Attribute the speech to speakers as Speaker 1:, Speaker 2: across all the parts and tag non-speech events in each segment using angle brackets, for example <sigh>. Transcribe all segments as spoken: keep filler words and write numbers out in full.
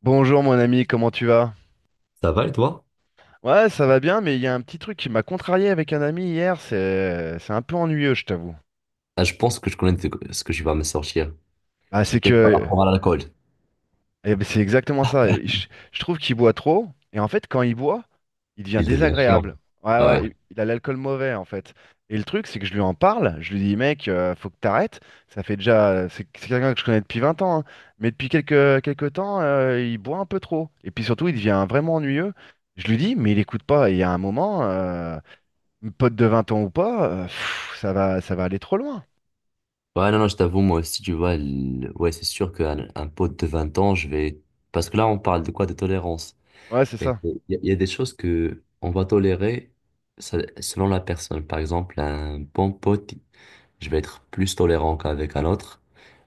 Speaker 1: Bonjour mon ami, comment tu vas?
Speaker 2: Ça va et toi?
Speaker 1: Ouais, ça va bien, mais il y a un petit truc qui m'a contrarié avec un ami hier, c'est c'est un peu ennuyeux, je t'avoue.
Speaker 2: Ah, je pense que je connais de- ce que je vais me sortir.
Speaker 1: Ah, c'est
Speaker 2: C'était par
Speaker 1: que
Speaker 2: rapport à l'alcool.
Speaker 1: eh ben, c'est exactement ça. Et Je, je trouve qu'il boit trop, et en fait, quand il boit, il devient
Speaker 2: Il devient chiant.
Speaker 1: désagréable. Ouais,
Speaker 2: Ah,
Speaker 1: ouais,
Speaker 2: ouais.
Speaker 1: il il a l'alcool mauvais en fait. Et le truc, c'est que je lui en parle, je lui dis, mec, euh, faut que t'arrêtes. Ça fait déjà, c'est c'est quelqu'un que je connais depuis vingt ans, hein, mais depuis quelques quelques temps, euh, il boit un peu trop. Et puis surtout, il devient vraiment ennuyeux. Je lui dis, mais il écoute pas. Et il y a un moment, euh, pote de vingt ans ou pas, euh, pff, ça va, ça va aller trop loin.
Speaker 2: Ouais, non, non, je t'avoue, moi aussi, tu vois, le- ouais, c'est sûr qu'un un pote de vingt ans, je vais... Parce que là, on parle de quoi? De tolérance.
Speaker 1: Ouais, c'est
Speaker 2: Et
Speaker 1: ça.
Speaker 2: il y, a il y a des choses que on va tolérer se- selon la personne. Par exemple, un bon pote, je vais être plus tolérant qu'avec un autre.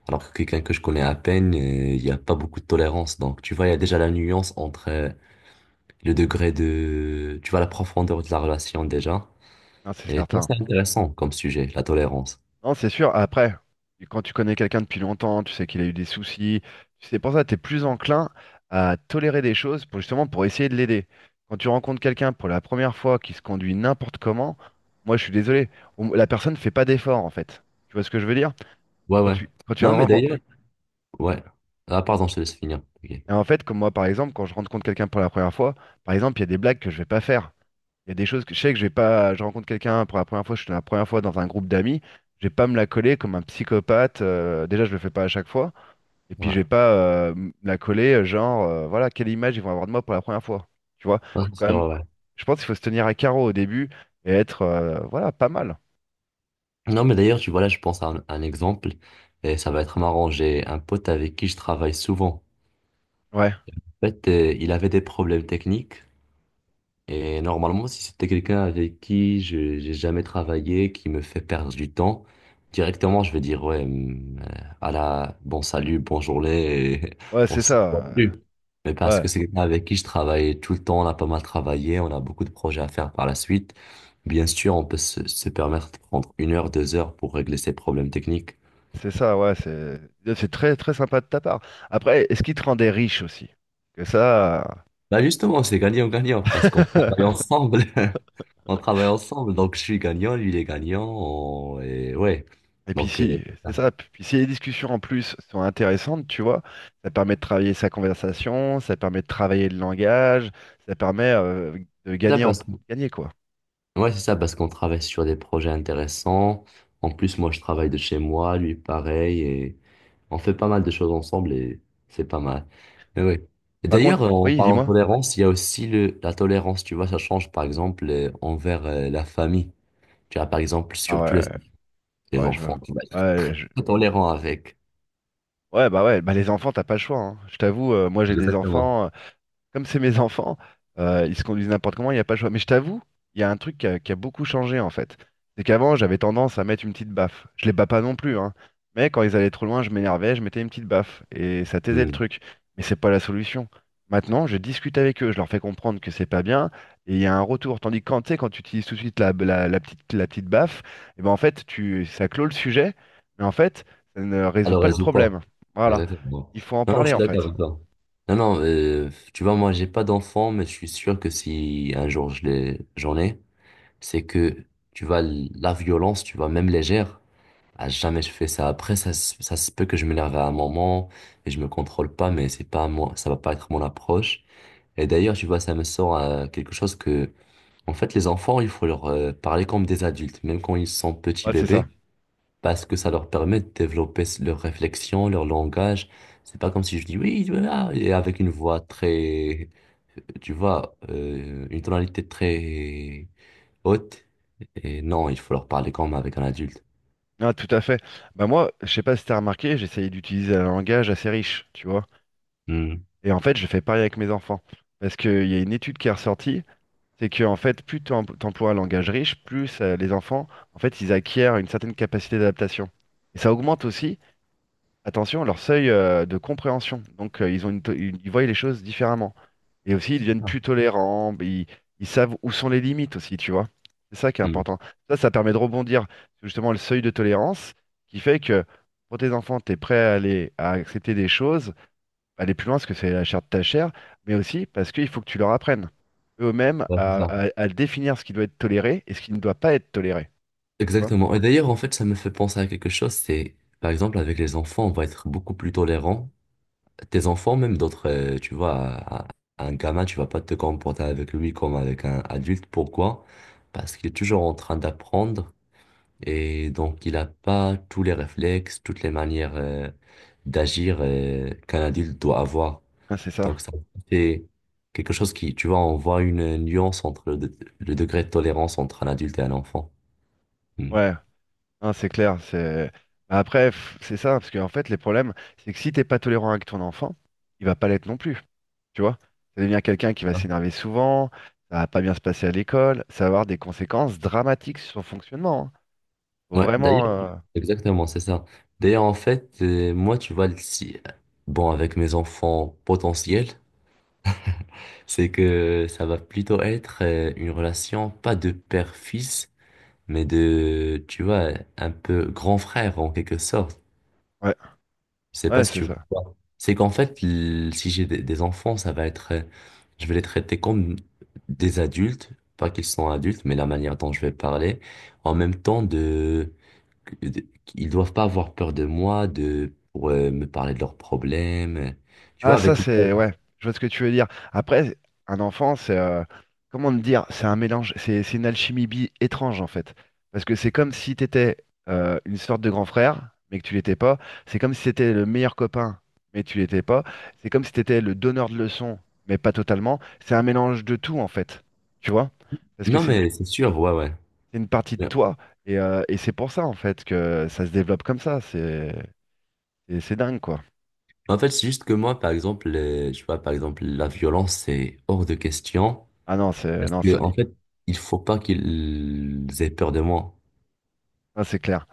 Speaker 2: Alors que quelqu'un que je connais à peine, euh, il n'y a pas beaucoup de tolérance. Donc, tu vois, il y a déjà la nuance entre... euh, le degré de, tu vois, la profondeur de la relation déjà.
Speaker 1: Non, c'est
Speaker 2: Et ça,
Speaker 1: certain.
Speaker 2: c'est intéressant comme sujet, la tolérance.
Speaker 1: Non, c'est sûr. Après, quand tu connais quelqu'un depuis longtemps, tu sais qu'il a eu des soucis. C'est pour ça que tu es plus enclin à tolérer des choses pour justement pour essayer de l'aider. Quand tu rencontres quelqu'un pour la première fois qui se conduit n'importe comment, moi je suis désolé, on- la personne ne fait pas d'effort en fait. Tu vois ce que je veux dire?
Speaker 2: Ouais,
Speaker 1: Quand
Speaker 2: ouais.
Speaker 1: tu, quand tu
Speaker 2: Non, mais
Speaker 1: rencontres.
Speaker 2: d'ailleurs, ouais. Ah, pardon, je te laisse finir. Ok.
Speaker 1: Et en fait, comme moi par exemple, quand je rencontre quelqu'un pour la première fois, par exemple, il y a des blagues que je vais pas faire. Il y a des choses que je sais que je vais pas. Je rencontre quelqu'un pour la première fois, je suis la première fois dans un groupe d'amis. Je vais pas me la coller comme un psychopathe. Euh, déjà, je le fais pas à chaque fois. Et puis, je
Speaker 2: Ouais.
Speaker 1: vais pas euh, me la coller, euh, genre, euh, voilà, quelle image ils vont avoir de moi pour la première fois. Tu vois,
Speaker 2: Non,
Speaker 1: faut
Speaker 2: c'est
Speaker 1: quand même.
Speaker 2: sûr, ouais.
Speaker 1: Je pense qu'il faut se tenir à carreau au début et être, euh, voilà, pas mal.
Speaker 2: Non, mais d'ailleurs, tu vois, là, je pense à un, un exemple, et ça va être marrant. J'ai un pote avec qui je travaille souvent.
Speaker 1: Ouais,
Speaker 2: En fait, euh, il avait des problèmes techniques, et normalement, si c'était quelqu'un avec qui je j'ai jamais travaillé, qui me fait perdre du temps, directement, je vais dire, ouais, hum, euh, à la, bon salut, bonne journée, et
Speaker 1: ouais,
Speaker 2: <laughs> on
Speaker 1: c'est
Speaker 2: se voit
Speaker 1: ça. euh,
Speaker 2: plus. Mais parce
Speaker 1: Ouais,
Speaker 2: que c'est quelqu'un avec qui je travaille tout le temps, on a pas mal travaillé, on a beaucoup de projets à faire par la suite. Bien sûr, on peut se, se permettre de prendre une heure, deux heures pour régler ses problèmes techniques.
Speaker 1: c'est ça. Ouais, c'est c'est très, très sympa de ta part. Après, est-ce qu'il te rendait riche aussi? Que ça.
Speaker 2: Bah justement, c'est gagnant-gagnant parce qu'on travaille
Speaker 1: <laughs>
Speaker 2: ensemble. <laughs> On travaille ensemble, donc je suis gagnant, lui il est gagnant, on- et ouais.
Speaker 1: Et puis
Speaker 2: Donc, euh,
Speaker 1: si, c'est
Speaker 2: ça
Speaker 1: ça. Puis si les discussions en plus sont intéressantes, tu vois, ça permet de travailler sa conversation, ça permet de travailler le langage, ça permet euh, de
Speaker 2: Ça,
Speaker 1: gagner en
Speaker 2: parce que-
Speaker 1: gagner quoi.
Speaker 2: ouais, c'est ça, parce qu'on travaille sur des projets intéressants. En plus, moi, je travaille de chez moi, lui, pareil, et on fait pas mal de choses ensemble, et c'est pas mal. Mais ouais. Et
Speaker 1: Par contre,
Speaker 2: d'ailleurs, euh, en
Speaker 1: oui,
Speaker 2: parlant de
Speaker 1: dis-moi.
Speaker 2: tolérance, il y a aussi le, la tolérance, tu vois, ça change, par exemple, euh, envers euh, la famille. Tu vois, par exemple,
Speaker 1: Ah
Speaker 2: surtout les,
Speaker 1: ouais,
Speaker 2: les
Speaker 1: ouais, je
Speaker 2: enfants,
Speaker 1: vois.
Speaker 2: tu vas être
Speaker 1: Ouais, je-
Speaker 2: très tolérant avec.
Speaker 1: ouais, bah ouais, bah les enfants, t'as pas le choix, hein. Je t'avoue, euh, moi j'ai des
Speaker 2: Exactement.
Speaker 1: enfants. Euh, comme c'est mes enfants, euh, ils se conduisent n'importe comment, il n'y a pas le choix. Mais je t'avoue, il y a un truc qui a, qui a beaucoup changé en fait. C'est qu'avant, j'avais tendance à mettre une petite baffe. Je les bats pas non plus, hein. Mais quand ils allaient trop loin, je m'énervais, je mettais une petite baffe. Et ça taisait le truc. Mais c'est pas la solution. Maintenant, je discute avec eux, je leur fais comprendre que c'est pas bien, et il y a un retour. Tandis que quand tu sais, quand tu utilises tout de suite la, la- la petite, la petite baffe, et ben en fait, tu, ça clôt le sujet, mais en fait, ça ne résout
Speaker 2: Alors
Speaker 1: pas le
Speaker 2: le pas.
Speaker 1: problème. Voilà.
Speaker 2: Exactement.
Speaker 1: Il faut en
Speaker 2: Non, non, je
Speaker 1: parler
Speaker 2: suis
Speaker 1: en
Speaker 2: d'accord
Speaker 1: fait.
Speaker 2: avec toi. Non, non, euh, tu vois, moi, j'ai pas d'enfant, mais je suis sûr que si un jour je l'ai, j'en ai, c'est que, tu vois, la violence, tu vois, même légère, à jamais je fais ça. Après, ça, se- ça se peut que je m'énerve à un moment et je me contrôle pas, mais c'est pas moi, ça va pas être mon approche. Et d'ailleurs, tu vois, ça me sort à quelque chose que, en fait, les enfants, il faut leur euh, parler comme des adultes, même quand ils sont petits
Speaker 1: Ouais, c'est ça.
Speaker 2: bébés parce que ça leur permet de développer s- leur réflexion, leur langage. C'est pas comme si je dis oui, voilà, et avec une voix très, euh, tu vois, euh, une tonalité très haute. Et non, il faut leur parler comme avec un adulte.
Speaker 1: Ah, tout à fait. Bah moi, je sais pas si t'as remarqué, j'essayais d'utiliser un langage assez riche, tu vois.
Speaker 2: Hmm.
Speaker 1: Et en fait, je fais pareil avec mes enfants. Parce qu'il y a une étude qui est ressortie, c'est que en fait, plus t'em- t'emploies un langage riche, plus euh, les enfants, en fait, ils acquièrent une certaine capacité d'adaptation. Et ça augmente aussi, attention, leur seuil euh, de compréhension. Donc, euh, ils ont une to- une- ils voient les choses différemment. Et aussi, ils deviennent
Speaker 2: Non.
Speaker 1: plus tolérants. Ils, ils savent où sont les limites aussi, tu vois. C'est ça qui est
Speaker 2: Hmm.
Speaker 1: important. Ça, ça permet de rebondir sur justement le seuil de tolérance qui fait que pour tes enfants, tu es prêt à aller à accepter des choses, aller plus loin parce que c'est la chair de ta chair, mais aussi parce qu'il faut que tu leur apprennes eux-mêmes
Speaker 2: Ouais, c'est
Speaker 1: à,
Speaker 2: ça.
Speaker 1: à à définir ce qui doit être toléré et ce qui ne doit pas être toléré. Tu vois?
Speaker 2: Exactement. Et d'ailleurs, en fait, ça me fait penser à quelque chose, c'est, par exemple, avec les enfants, on va être beaucoup plus tolérant tes enfants, même d'autres, euh, tu vois, à- à un gamin, tu vas pas te comporter avec lui comme avec un adulte. Pourquoi? Parce qu'il est toujours en train d'apprendre et donc il n'a pas tous les réflexes, toutes les manières euh, d'agir euh, qu'un adulte doit avoir.
Speaker 1: Ah, c'est ça.
Speaker 2: Donc ça, c'est quelque chose qui, tu vois, on voit une nuance entre le, de- le degré de tolérance entre un adulte et un enfant. Hmm.
Speaker 1: Ouais. Non, c'est clair, c'est. Bah après, pff, c'est ça, parce qu'en fait, les problèmes, c'est que si t'es pas tolérant avec ton enfant, il va pas l'être non plus, tu vois. Ça devient quelqu'un qui va s'énerver souvent, ça va pas bien se passer à l'école, ça va avoir des conséquences dramatiques sur son fonctionnement, hein. Faut
Speaker 2: Ouais, d'ailleurs,
Speaker 1: vraiment. euh,
Speaker 2: exactement, c'est ça. D'ailleurs, en fait, euh, moi, tu vois, si, bon, avec mes enfants potentiels, c'est que ça va plutôt être euh, une relation, pas de père-fils, mais de, tu vois, un peu grand frère en quelque sorte.
Speaker 1: Ouais,
Speaker 2: Je sais pas
Speaker 1: ouais,
Speaker 2: si
Speaker 1: c'est
Speaker 2: tu
Speaker 1: ça.
Speaker 2: vois. C'est qu'en fait, l- si j'ai des, des enfants, ça va être, euh, je vais les traiter comme des adultes, pas qu'ils sont adultes, mais la manière dont je vais parler, en même temps de, de- ils doivent pas avoir peur de moi, de pour euh, me parler de leurs problèmes, tu vois,
Speaker 1: Ah, ça,
Speaker 2: avec.
Speaker 1: c'est. Ouais, je vois ce que tu veux dire. Après, un enfant, c'est. Euh, Comment te dire? C'est un mélange. C'est c'est une alchimie bi étrange, en fait. Parce que c'est comme si t'étais euh, une sorte de grand frère, mais que tu l'étais pas. C'est comme si t'étais le meilleur copain, mais tu l'étais pas. C'est comme si t'étais le donneur de leçons, mais pas totalement. C'est un mélange de tout, en fait. Tu vois? Parce que
Speaker 2: Non,
Speaker 1: c'est une,
Speaker 2: mais c'est sûr, ouais, ouais.
Speaker 1: c'est une partie de
Speaker 2: Ouais.
Speaker 1: toi. Et, euh, et c'est pour ça, en fait, que ça se développe comme ça. C'est c'est c'est dingue, quoi.
Speaker 2: En fait, c'est juste que moi, par exemple, euh, je vois, par exemple, la violence, c'est hors de question,
Speaker 1: Ah non, c'est
Speaker 2: parce
Speaker 1: non,
Speaker 2: que
Speaker 1: ça,
Speaker 2: en fait, il faut pas qu'ils aient peur de moi,
Speaker 1: ça, c'est clair.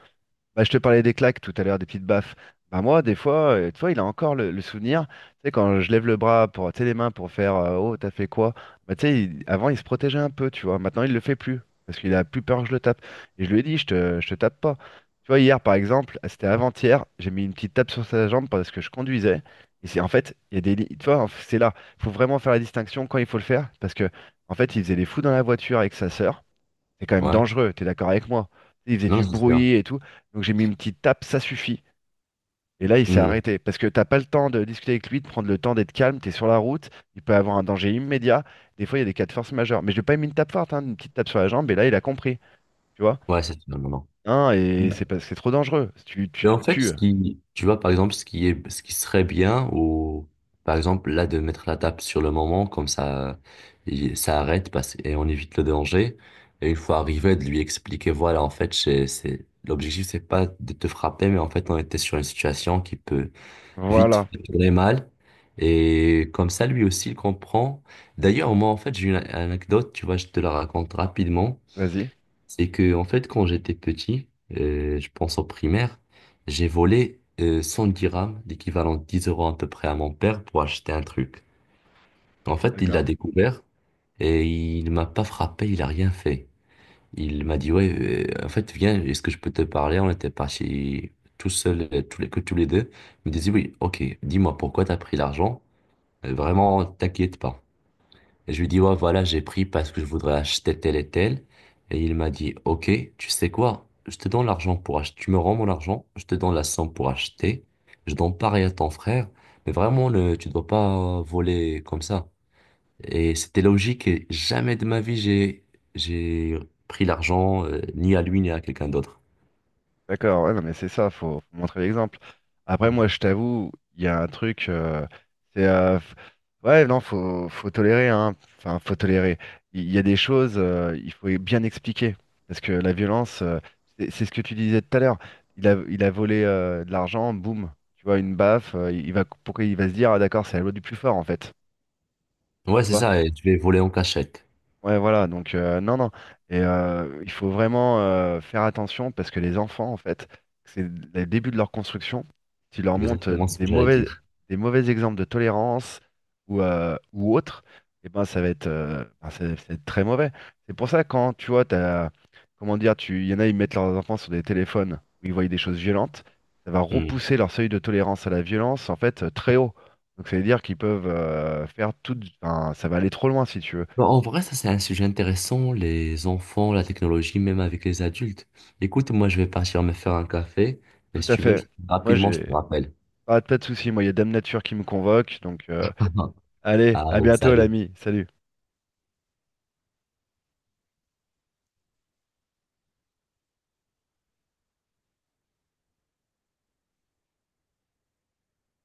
Speaker 1: Bah, je te parlais des claques tout à l'heure, des petites baffes. Bah, moi, des fois, euh, tu vois, il a encore le, le souvenir. Tu sais, quand je lève le bras pour, tu sais, les mains pour faire euh, oh, t'as fait quoi? Bah, tu sais, il- avant, il se protégeait un peu, tu vois. Maintenant, il le fait plus parce qu'il a plus peur que je le tape. Et je lui ai dit, je te, je te tape pas. Tu vois, hier, par exemple, ah, c'était avant-hier, j'ai mis une petite tape sur sa jambe parce que je conduisais. Et c'est en fait, il y a des. li- tu vois, en f- c'est là. Il faut vraiment faire la distinction quand il faut le faire parce que, en fait, il faisait les fous dans la voiture avec sa sœur. C'est quand même
Speaker 2: ouais.
Speaker 1: dangereux, t'es d'accord avec moi? Il faisait
Speaker 2: Non,
Speaker 1: du
Speaker 2: ça se perd.
Speaker 1: bruit et tout, donc j'ai mis une petite tape, ça suffit. Et là, il s'est
Speaker 2: Hmm.
Speaker 1: arrêté, parce que t'as pas le temps de discuter avec lui, de prendre le temps d'être calme, t'es sur la route, il peut avoir un danger immédiat. Des fois, il y a des cas de force majeure. Mais je lui ai pas mis une tape forte, hein, une petite tape sur la jambe, et là, il a compris, tu vois?
Speaker 2: Ouais, c'est non, non, non.
Speaker 1: Hein, et c'est parce que c'est trop dangereux, tu,
Speaker 2: Et
Speaker 1: tu te
Speaker 2: en fait,
Speaker 1: tues.
Speaker 2: ce qui, tu vois, par exemple, ce qui est, ce qui serait bien, ou par exemple, là, de mettre la tape sur le moment, comme ça, il- ça arrête parce, et on évite le danger. Et une fois arrivé, de lui expliquer, voilà, en fait, c'est, c'est- l'objectif, c'est pas de te frapper, mais en fait, on était sur une situation qui peut vite
Speaker 1: Voilà,
Speaker 2: tourner mal. Et comme ça, lui aussi, il comprend. D'ailleurs, moi, en fait, j'ai une anecdote, tu vois, je te la raconte rapidement.
Speaker 1: vas-y.
Speaker 2: C'est que, en fait, quand j'étais petit, euh, je pense au primaire, j'ai volé euh, cent dirhams, l'équivalent de dix euros à peu près à mon père pour acheter un truc. En fait, il l'a
Speaker 1: D'accord.
Speaker 2: découvert et il m'a pas frappé, il a rien fait. Il m'a dit, ouais, euh, en fait, viens, est-ce que je peux te parler? On était partis tout seuls, euh, tous les, que tous les deux. Il me disait, oui, ok, dis-moi pourquoi t'as pris l'argent. Euh, Vraiment, t'inquiète pas. Et je lui dis, ouais, voilà, j'ai pris parce que je voudrais acheter tel et tel. Et il m'a dit, ok, tu sais quoi? Je te donne l'argent pour acheter. Tu me rends mon argent, je te donne la somme pour acheter. Je donne pareil à ton frère. Mais vraiment, le, tu dois pas voler comme ça. Et c'était logique. Et jamais de ma vie, j'ai, j'ai pris l'argent, euh, ni à lui, ni à quelqu'un d'autre.
Speaker 1: D'accord, ouais, non, mais c'est ça, faut, faut montrer l'exemple. Après, moi, je t'avoue, il y a un truc, euh, c'est, euh, f- ouais, non, faut, faut tolérer, hein, enfin, faut tolérer. Il il y a des choses, euh, il faut bien expliquer, parce que la violence, euh, c'est c'est ce que tu disais tout à l'heure. Il a, il a volé euh, de l'argent, boum, tu vois, une baffe, euh, il va, pourquoi il va se dire, ah, d'accord, c'est la loi du plus fort, en fait,
Speaker 2: Ouais,
Speaker 1: tu
Speaker 2: c'est
Speaker 1: vois.
Speaker 2: ça. Et je vais voler en cachette.
Speaker 1: Ouais, voilà, donc euh, non, non. Et euh, il faut vraiment euh, faire attention parce que les enfants, en fait, c'est le début de leur construction. Tu leur montrent
Speaker 2: Exactement ce
Speaker 1: des
Speaker 2: que j'allais
Speaker 1: mauvais,
Speaker 2: dire.
Speaker 1: des mauvais exemples de tolérance ou, euh, ou autre, et ben, ça va être, euh, ben, ça va- ça va être très mauvais. C'est pour ça, quand tu vois, t'as, comment dire, tu, il y en a, ils mettent leurs enfants sur des téléphones où ils voient des choses violentes, ça va
Speaker 2: Hmm.
Speaker 1: repousser leur seuil de tolérance à la violence, en fait, euh, très haut. Donc, ça veut dire qu'ils peuvent euh, faire tout, enfin, ça va aller trop loin si tu veux.
Speaker 2: Bah, en vrai, ça c'est un sujet intéressant, les enfants, la technologie, même avec les adultes. Écoute, moi je vais partir me faire un café, mais
Speaker 1: Tout
Speaker 2: si
Speaker 1: à
Speaker 2: tu veux,
Speaker 1: fait.
Speaker 2: je-
Speaker 1: Moi,
Speaker 2: rapidement, je te
Speaker 1: j'ai
Speaker 2: rappelle.
Speaker 1: pas, pas de soucis. Moi, il y a Dame Nature qui me convoque. Donc, euh,
Speaker 2: <laughs>
Speaker 1: allez, à
Speaker 2: Allez,
Speaker 1: bientôt,
Speaker 2: salut.
Speaker 1: l'ami. Salut.